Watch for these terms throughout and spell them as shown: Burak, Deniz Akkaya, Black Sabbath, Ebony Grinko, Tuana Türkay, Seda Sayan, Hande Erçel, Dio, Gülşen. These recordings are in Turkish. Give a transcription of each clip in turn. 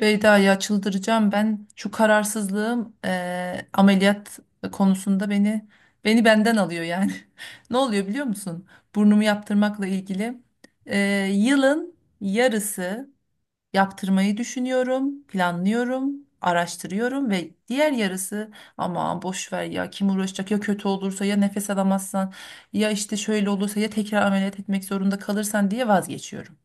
Beyda ya çıldıracağım ben şu kararsızlığım ameliyat konusunda beni benden alıyor yani. Ne oluyor biliyor musun? Burnumu yaptırmakla ilgili yılın yarısı yaptırmayı düşünüyorum, planlıyorum, araştırıyorum ve diğer yarısı aman boş ver ya kim uğraşacak ya kötü olursa ya nefes alamazsan ya işte şöyle olursa ya tekrar ameliyat etmek zorunda kalırsan diye vazgeçiyorum.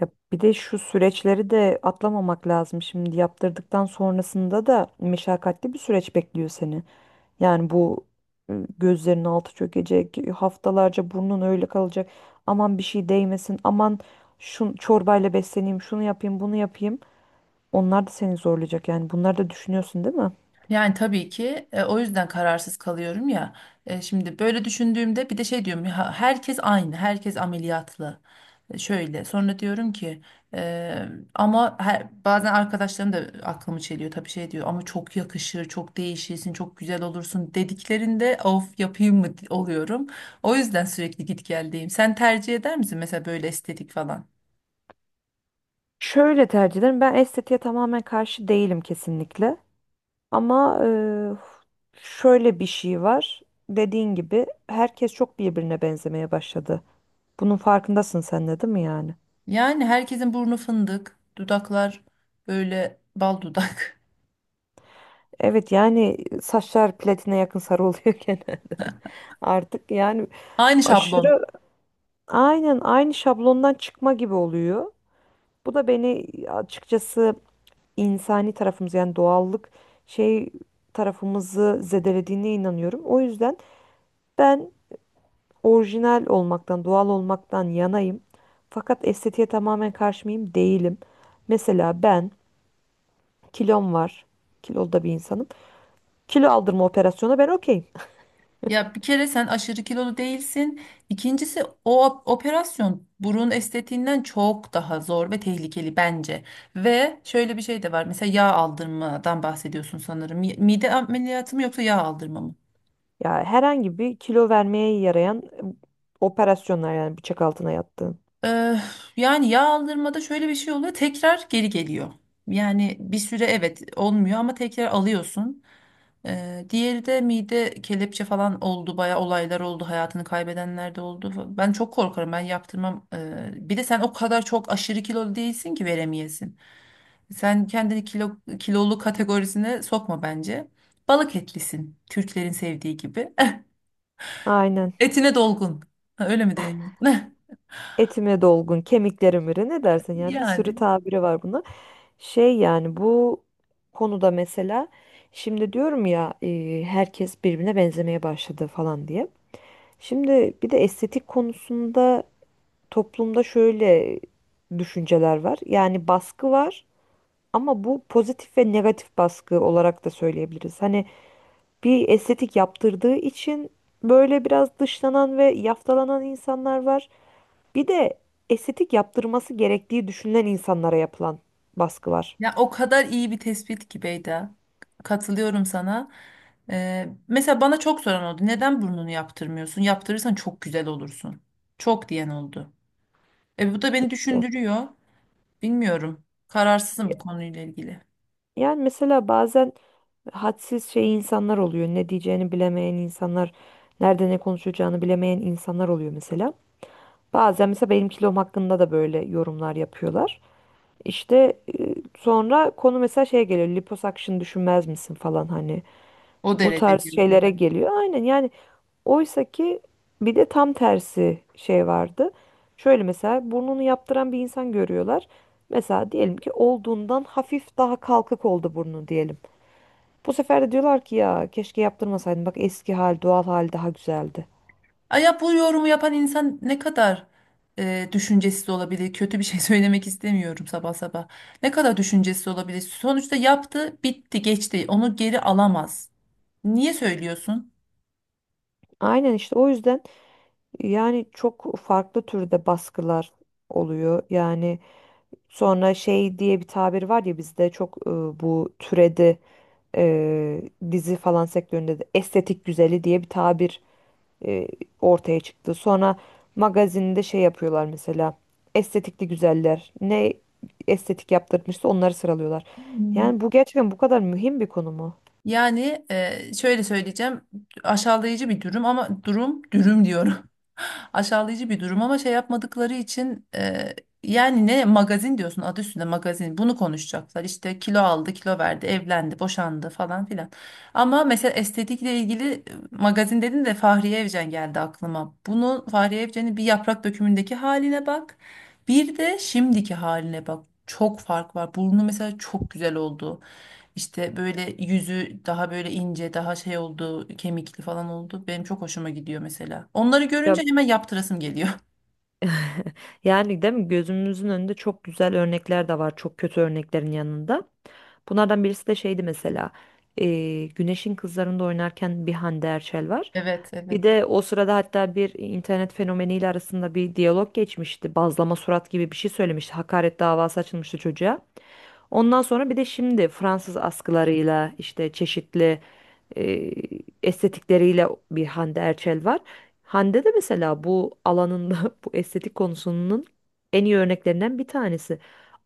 Ya bir de şu süreçleri de atlamamak lazım. Şimdi yaptırdıktan sonrasında da meşakkatli bir süreç bekliyor seni. Yani bu gözlerinin altı çökecek, haftalarca burnun öyle kalacak. Aman bir şey değmesin, aman şu çorbayla besleneyim, şunu yapayım, bunu yapayım. Onlar da seni zorlayacak yani. Bunları da düşünüyorsun değil mi? Yani tabii ki o yüzden kararsız kalıyorum ya. Şimdi böyle düşündüğümde bir de şey diyorum ya herkes aynı, herkes ameliyatlı. Şöyle sonra diyorum ki e, ama her, bazen arkadaşlarım da aklımı çeliyor tabii şey diyor ama çok yakışır, çok değişirsin, çok güzel olursun dediklerinde of yapayım mı oluyorum. O yüzden sürekli git geldeyim. Sen tercih eder misin mesela böyle estetik falan? Şöyle tercih ederim. Ben estetiğe tamamen karşı değilim kesinlikle. Ama şöyle bir şey var. Dediğin gibi herkes çok birbirine benzemeye başladı. Bunun farkındasın sen de değil mi yani? Yani herkesin burnu fındık, dudaklar böyle bal dudak. Evet yani saçlar platine yakın sarı oluyor gene artık. Yani Aynı şablon. aşırı aynen aynı şablondan çıkma gibi oluyor. Bu da beni açıkçası insani tarafımız yani doğallık şey tarafımızı zedelediğine inanıyorum. O yüzden ben orijinal olmaktan, doğal olmaktan yanayım. Fakat estetiğe tamamen karşı mıyım? Değilim. Mesela ben kilom var. Kilolu da bir insanım. Kilo aldırma operasyonu ben okeyim. Ya bir kere sen aşırı kilolu değilsin. İkincisi o operasyon burun estetiğinden çok daha zor ve tehlikeli bence. Ve şöyle bir şey de var. Mesela yağ aldırmadan bahsediyorsun sanırım. Mide ameliyatı mı yoksa yağ aldırma mı? Ya herhangi bir kilo vermeye yarayan operasyonlar yani bıçak altına yattığın. Ee, Yani yağ aldırmada şöyle bir şey oluyor. Tekrar geri geliyor. Yani bir süre evet olmuyor ama tekrar alıyorsun. Diğeri de mide kelepçe falan oldu. Bayağı olaylar oldu. Hayatını kaybedenler de oldu. Ben çok korkarım. Ben yaptırmam. Bir de sen o kadar çok aşırı kilolu değilsin ki veremeyesin. Sen kendini kilolu kategorisine sokma bence. Balık etlisin. Türklerin sevdiği gibi. Aynen. Etine dolgun. Ha, öyle mi deniyor? Etime dolgun, kemiklerim iri ne dersin yani bir sürü Yani. tabiri var buna. Şey yani bu konuda mesela şimdi diyorum ya herkes birbirine benzemeye başladı falan diye. Şimdi bir de estetik konusunda toplumda şöyle düşünceler var. Yani baskı var ama bu pozitif ve negatif baskı olarak da söyleyebiliriz. Hani bir estetik yaptırdığı için böyle biraz dışlanan ve yaftalanan insanlar var. Bir de estetik yaptırması gerektiği düşünülen insanlara yapılan baskı var. Ya o kadar iyi bir tespit ki Beyda. Katılıyorum sana. Mesela bana çok soran oldu. Neden burnunu yaptırmıyorsun? Yaptırırsan çok güzel olursun. Çok diyen oldu. E bu da beni düşündürüyor. Bilmiyorum. Kararsızım bu konuyla ilgili. Yani mesela bazen hadsiz şey insanlar oluyor. Ne diyeceğini bilemeyen insanlar, nerede ne konuşacağını bilemeyen insanlar oluyor mesela. Bazen mesela benim kilom hakkında da böyle yorumlar yapıyorlar. İşte sonra konu mesela şeye geliyor. Liposuction düşünmez misin falan hani. O Bu derece tarz diyorsun şeylere yani. geliyor. Aynen yani oysa ki bir de tam tersi şey vardı. Şöyle mesela burnunu yaptıran bir insan görüyorlar. Mesela diyelim ki olduğundan hafif daha kalkık oldu burnu diyelim. Bu sefer de diyorlar ki ya keşke yaptırmasaydın. Bak eski hal, doğal hal daha güzeldi. Ay ya bu yorumu yapan insan ne kadar düşüncesiz olabilir? Kötü bir şey söylemek istemiyorum sabah sabah. Ne kadar düşüncesiz olabilir? Sonuçta yaptı, bitti, geçti. Onu geri alamaz. Niye söylüyorsun? Aynen işte o yüzden yani çok farklı türde baskılar oluyor. Yani sonra şey diye bir tabir var ya bizde çok bu türedi. e, Dizi falan sektöründe de estetik güzeli diye bir tabir e, ortaya çıktı. Sonra magazinde şey yapıyorlar mesela estetikli güzeller ne estetik yaptırmışsa onları sıralıyorlar. Yani bu gerçekten bu kadar mühim bir konu mu? Yani şöyle söyleyeceğim aşağılayıcı bir durum ama durum dürüm diyorum. Aşağılayıcı bir durum ama şey yapmadıkları için yani ne magazin diyorsun adı üstünde magazin bunu konuşacaklar işte kilo aldı kilo verdi evlendi boşandı falan filan. Ama mesela estetikle ilgili magazin dedin de Fahriye Evcen geldi aklıma. Bunu Fahriye Evcen'in bir yaprak dökümündeki haline bak bir de şimdiki haline bak çok fark var burnu mesela çok güzel oldu. İşte böyle yüzü daha böyle ince, daha şey oldu, kemikli falan oldu. Benim çok hoşuma gidiyor mesela. Onları görünce hemen yaptırasım geliyor. Yani değil mi gözümüzün önünde çok güzel örnekler de var çok kötü örneklerin yanında. Bunlardan birisi de şeydi mesela Güneş'in Kızları'nda oynarken bir Hande Erçel var. Evet, Bir evet. de o sırada hatta bir internet fenomeniyle arasında bir diyalog geçmişti. Bazlama surat gibi bir şey söylemişti. Hakaret davası açılmıştı çocuğa. Ondan sonra bir de şimdi Fransız askılarıyla işte çeşitli e, estetikleriyle bir Hande Erçel var. Hande de mesela bu alanında bu estetik konusunun en iyi örneklerinden bir tanesi.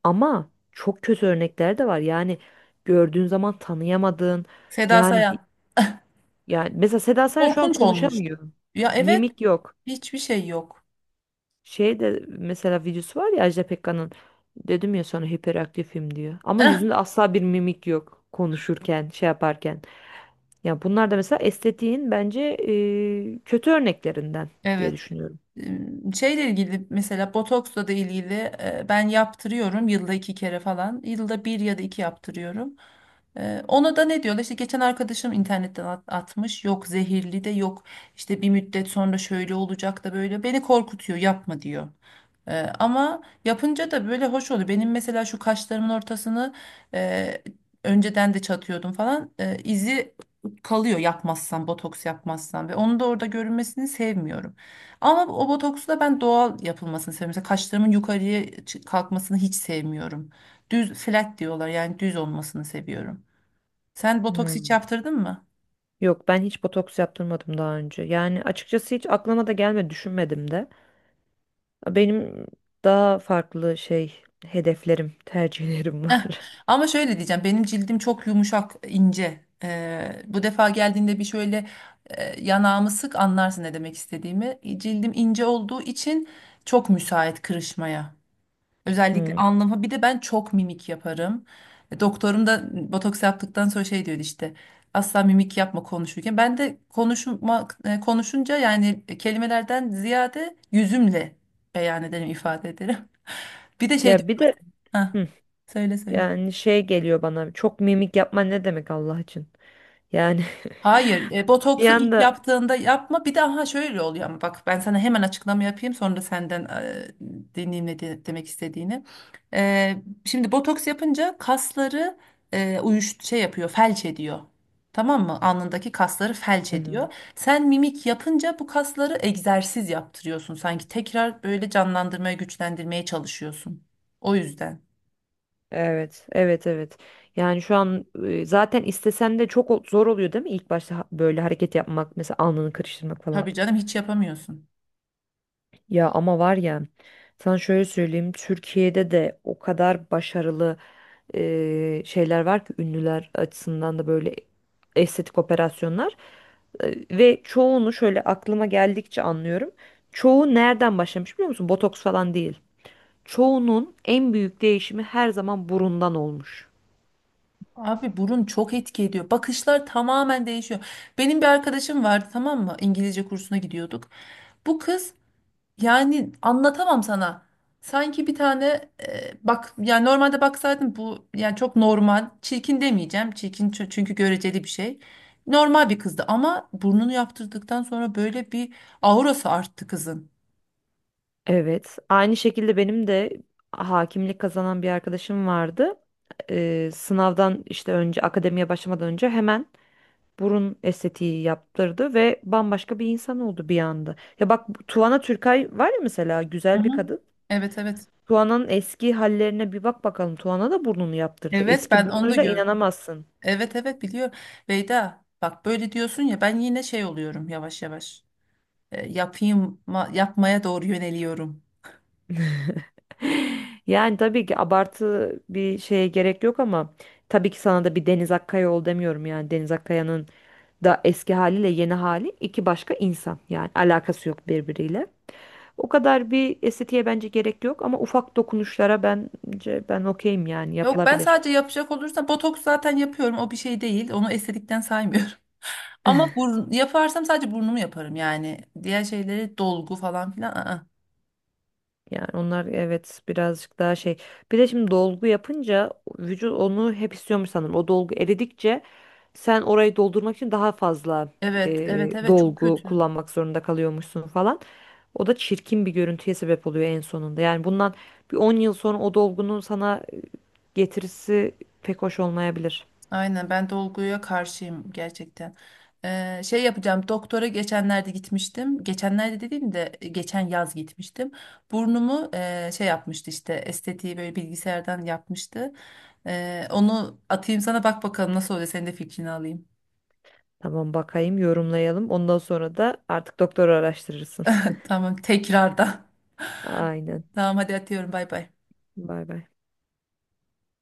Ama çok kötü örnekler de var. Yani gördüğün zaman tanıyamadığın Seda yani Sayan. yani mesela Seda Sayan şu an Korkunç olmuş. konuşamıyor. Ya evet, Mimik yok. hiçbir şey yok. Şey de mesela videosu var ya Ajda Pekkan'ın dedim ya sana hiperaktifim diyor. Ama Eh, yüzünde asla bir mimik yok konuşurken, şey yaparken. Ya bunlar da mesela estetiğin bence kötü örneklerinden diye evet. düşünüyorum. Şeyle ilgili mesela botoksla da ilgili ben yaptırıyorum yılda iki kere falan. Yılda bir ya da iki yaptırıyorum. E, ona da ne diyorlar? İşte geçen arkadaşım internetten atmış. Yok zehirli de yok. İşte bir müddet sonra şöyle olacak da böyle. Beni korkutuyor, yapma diyor. Ama yapınca da böyle hoş oluyor. Benim mesela şu kaşlarımın ortasını e, önceden de çatıyordum falan. E, izi kalıyor yapmazsam, botoks yapmazsam ve onu da orada görünmesini sevmiyorum. Ama o botoksu da ben doğal yapılmasını seviyorum. Mesela kaşlarımın yukarıya kalkmasını hiç sevmiyorum. Düz flat diyorlar yani düz olmasını seviyorum. Sen botoks hiç Hmm. yaptırdın mı? Yok ben hiç botoks yaptırmadım daha önce. Yani açıkçası hiç aklıma da gelmedi, düşünmedim de. Benim daha farklı şey hedeflerim, tercihlerim var. Ama şöyle diyeceğim benim cildim çok yumuşak ince. Bu defa geldiğinde bir şöyle yanağımı sık anlarsın ne demek istediğimi. E, cildim ince olduğu için çok müsait kırışmaya. Özellikle Hmm. alnıma bir de ben çok mimik yaparım. E, doktorum da botoks yaptıktan sonra şey diyordu işte asla mimik yapma konuşurken. Ben de konuşmak konuşunca yani kelimelerden ziyade yüzümle beyan ederim ifade ederim. Bir de şey Ya diyorum bir de mesela. Hah, hı, söyle söyle. yani şey geliyor bana. Çok mimik yapman ne demek Allah için? Yani Hayır, bir botoksu ilk anda. yaptığında yapma. Bir de aha şöyle oluyor ama bak ben sana hemen açıklama yapayım sonra senden dinleyeyim ne demek istediğini. E, Şimdi botoks yapınca kasları e, uyuş şey yapıyor, felç ediyor. Tamam mı? Alnındaki kasları felç Hı hı. ediyor. Sen mimik yapınca bu kasları egzersiz yaptırıyorsun. Sanki tekrar böyle canlandırmaya, güçlendirmeye çalışıyorsun. O yüzden. Evet, evet, evet. Yani şu an zaten istesen de çok zor oluyor değil mi? İlk başta böyle hareket yapmak, mesela alnını karıştırmak falan. Tabii canım hiç yapamıyorsun. Ya ama var ya, sana şöyle söyleyeyim, Türkiye'de de o kadar başarılı şeyler var ki ünlüler açısından da böyle estetik operasyonlar. E, ve çoğunu şöyle aklıma geldikçe anlıyorum. Çoğu nereden başlamış biliyor musun? Botoks falan değil. Çoğunun en büyük değişimi her zaman burundan olmuş. Abi burun çok etki ediyor. Bakışlar tamamen değişiyor. Benim bir arkadaşım vardı tamam mı? İngilizce kursuna gidiyorduk. Bu kız yani anlatamam sana. Sanki bir tane bak yani normalde baksaydım bu yani çok normal. Çirkin demeyeceğim. Çirkin çünkü göreceli bir şey. Normal bir kızdı ama burnunu yaptırdıktan sonra böyle bir aurası arttı kızın. Evet. Aynı şekilde benim de hakimlik kazanan bir arkadaşım vardı. Sınavdan işte önce akademiye başlamadan önce hemen burun estetiği yaptırdı ve bambaşka bir insan oldu bir anda. Ya bak bu Tuana Türkay var ya mesela Hı güzel bir hı. kadın. Evet, evet. Tuana'nın eski hallerine bir bak bakalım. Tuana da burnunu yaptırdı. Evet, Eski ben onu da burnuyla gördüm. inanamazsın. Evet, evet, biliyorum. Beyda bak böyle diyorsun ya ben yine şey oluyorum yavaş yavaş. Yapayım yapmaya doğru yöneliyorum. Yani tabii ki abartı bir şeye gerek yok ama tabii ki sana da bir Deniz Akkaya ol demiyorum yani Deniz Akkaya'nın da eski haliyle yeni hali iki başka insan yani alakası yok birbiriyle. O kadar bir estetiğe bence gerek yok ama ufak dokunuşlara bence ben okeyim yani Yok ben yapılabilir. sadece yapacak olursam botoks zaten yapıyorum o bir şey değil onu estetikten saymıyorum. Ama burun, yaparsam sadece burnumu yaparım yani diğer şeyleri dolgu falan filan. I Yani onlar evet birazcık daha şey. Bir de şimdi dolgu yapınca vücut onu hep istiyormuş sanırım. O dolgu eridikçe sen orayı doldurmak için daha fazla Evet, evet, evet, çok dolgu kötü. kullanmak zorunda kalıyormuşsun falan. O da çirkin bir görüntüye sebep oluyor en sonunda. Yani bundan bir 10 yıl sonra o dolgunun sana getirisi pek hoş olmayabilir. Aynen ben dolguya karşıyım gerçekten. Şey yapacağım doktora geçenlerde gitmiştim. Geçenlerde dediğim de geçen yaz gitmiştim. Burnumu şey yapmıştı işte estetiği böyle bilgisayardan yapmıştı. Onu atayım sana bak bakalım nasıl oluyor senin de fikrini alayım. Tamam bakayım yorumlayalım. Ondan sonra da artık doktora araştırırsın. Tamam tekrardan. Aynen. Tamam hadi atıyorum bay bay. Bay bay.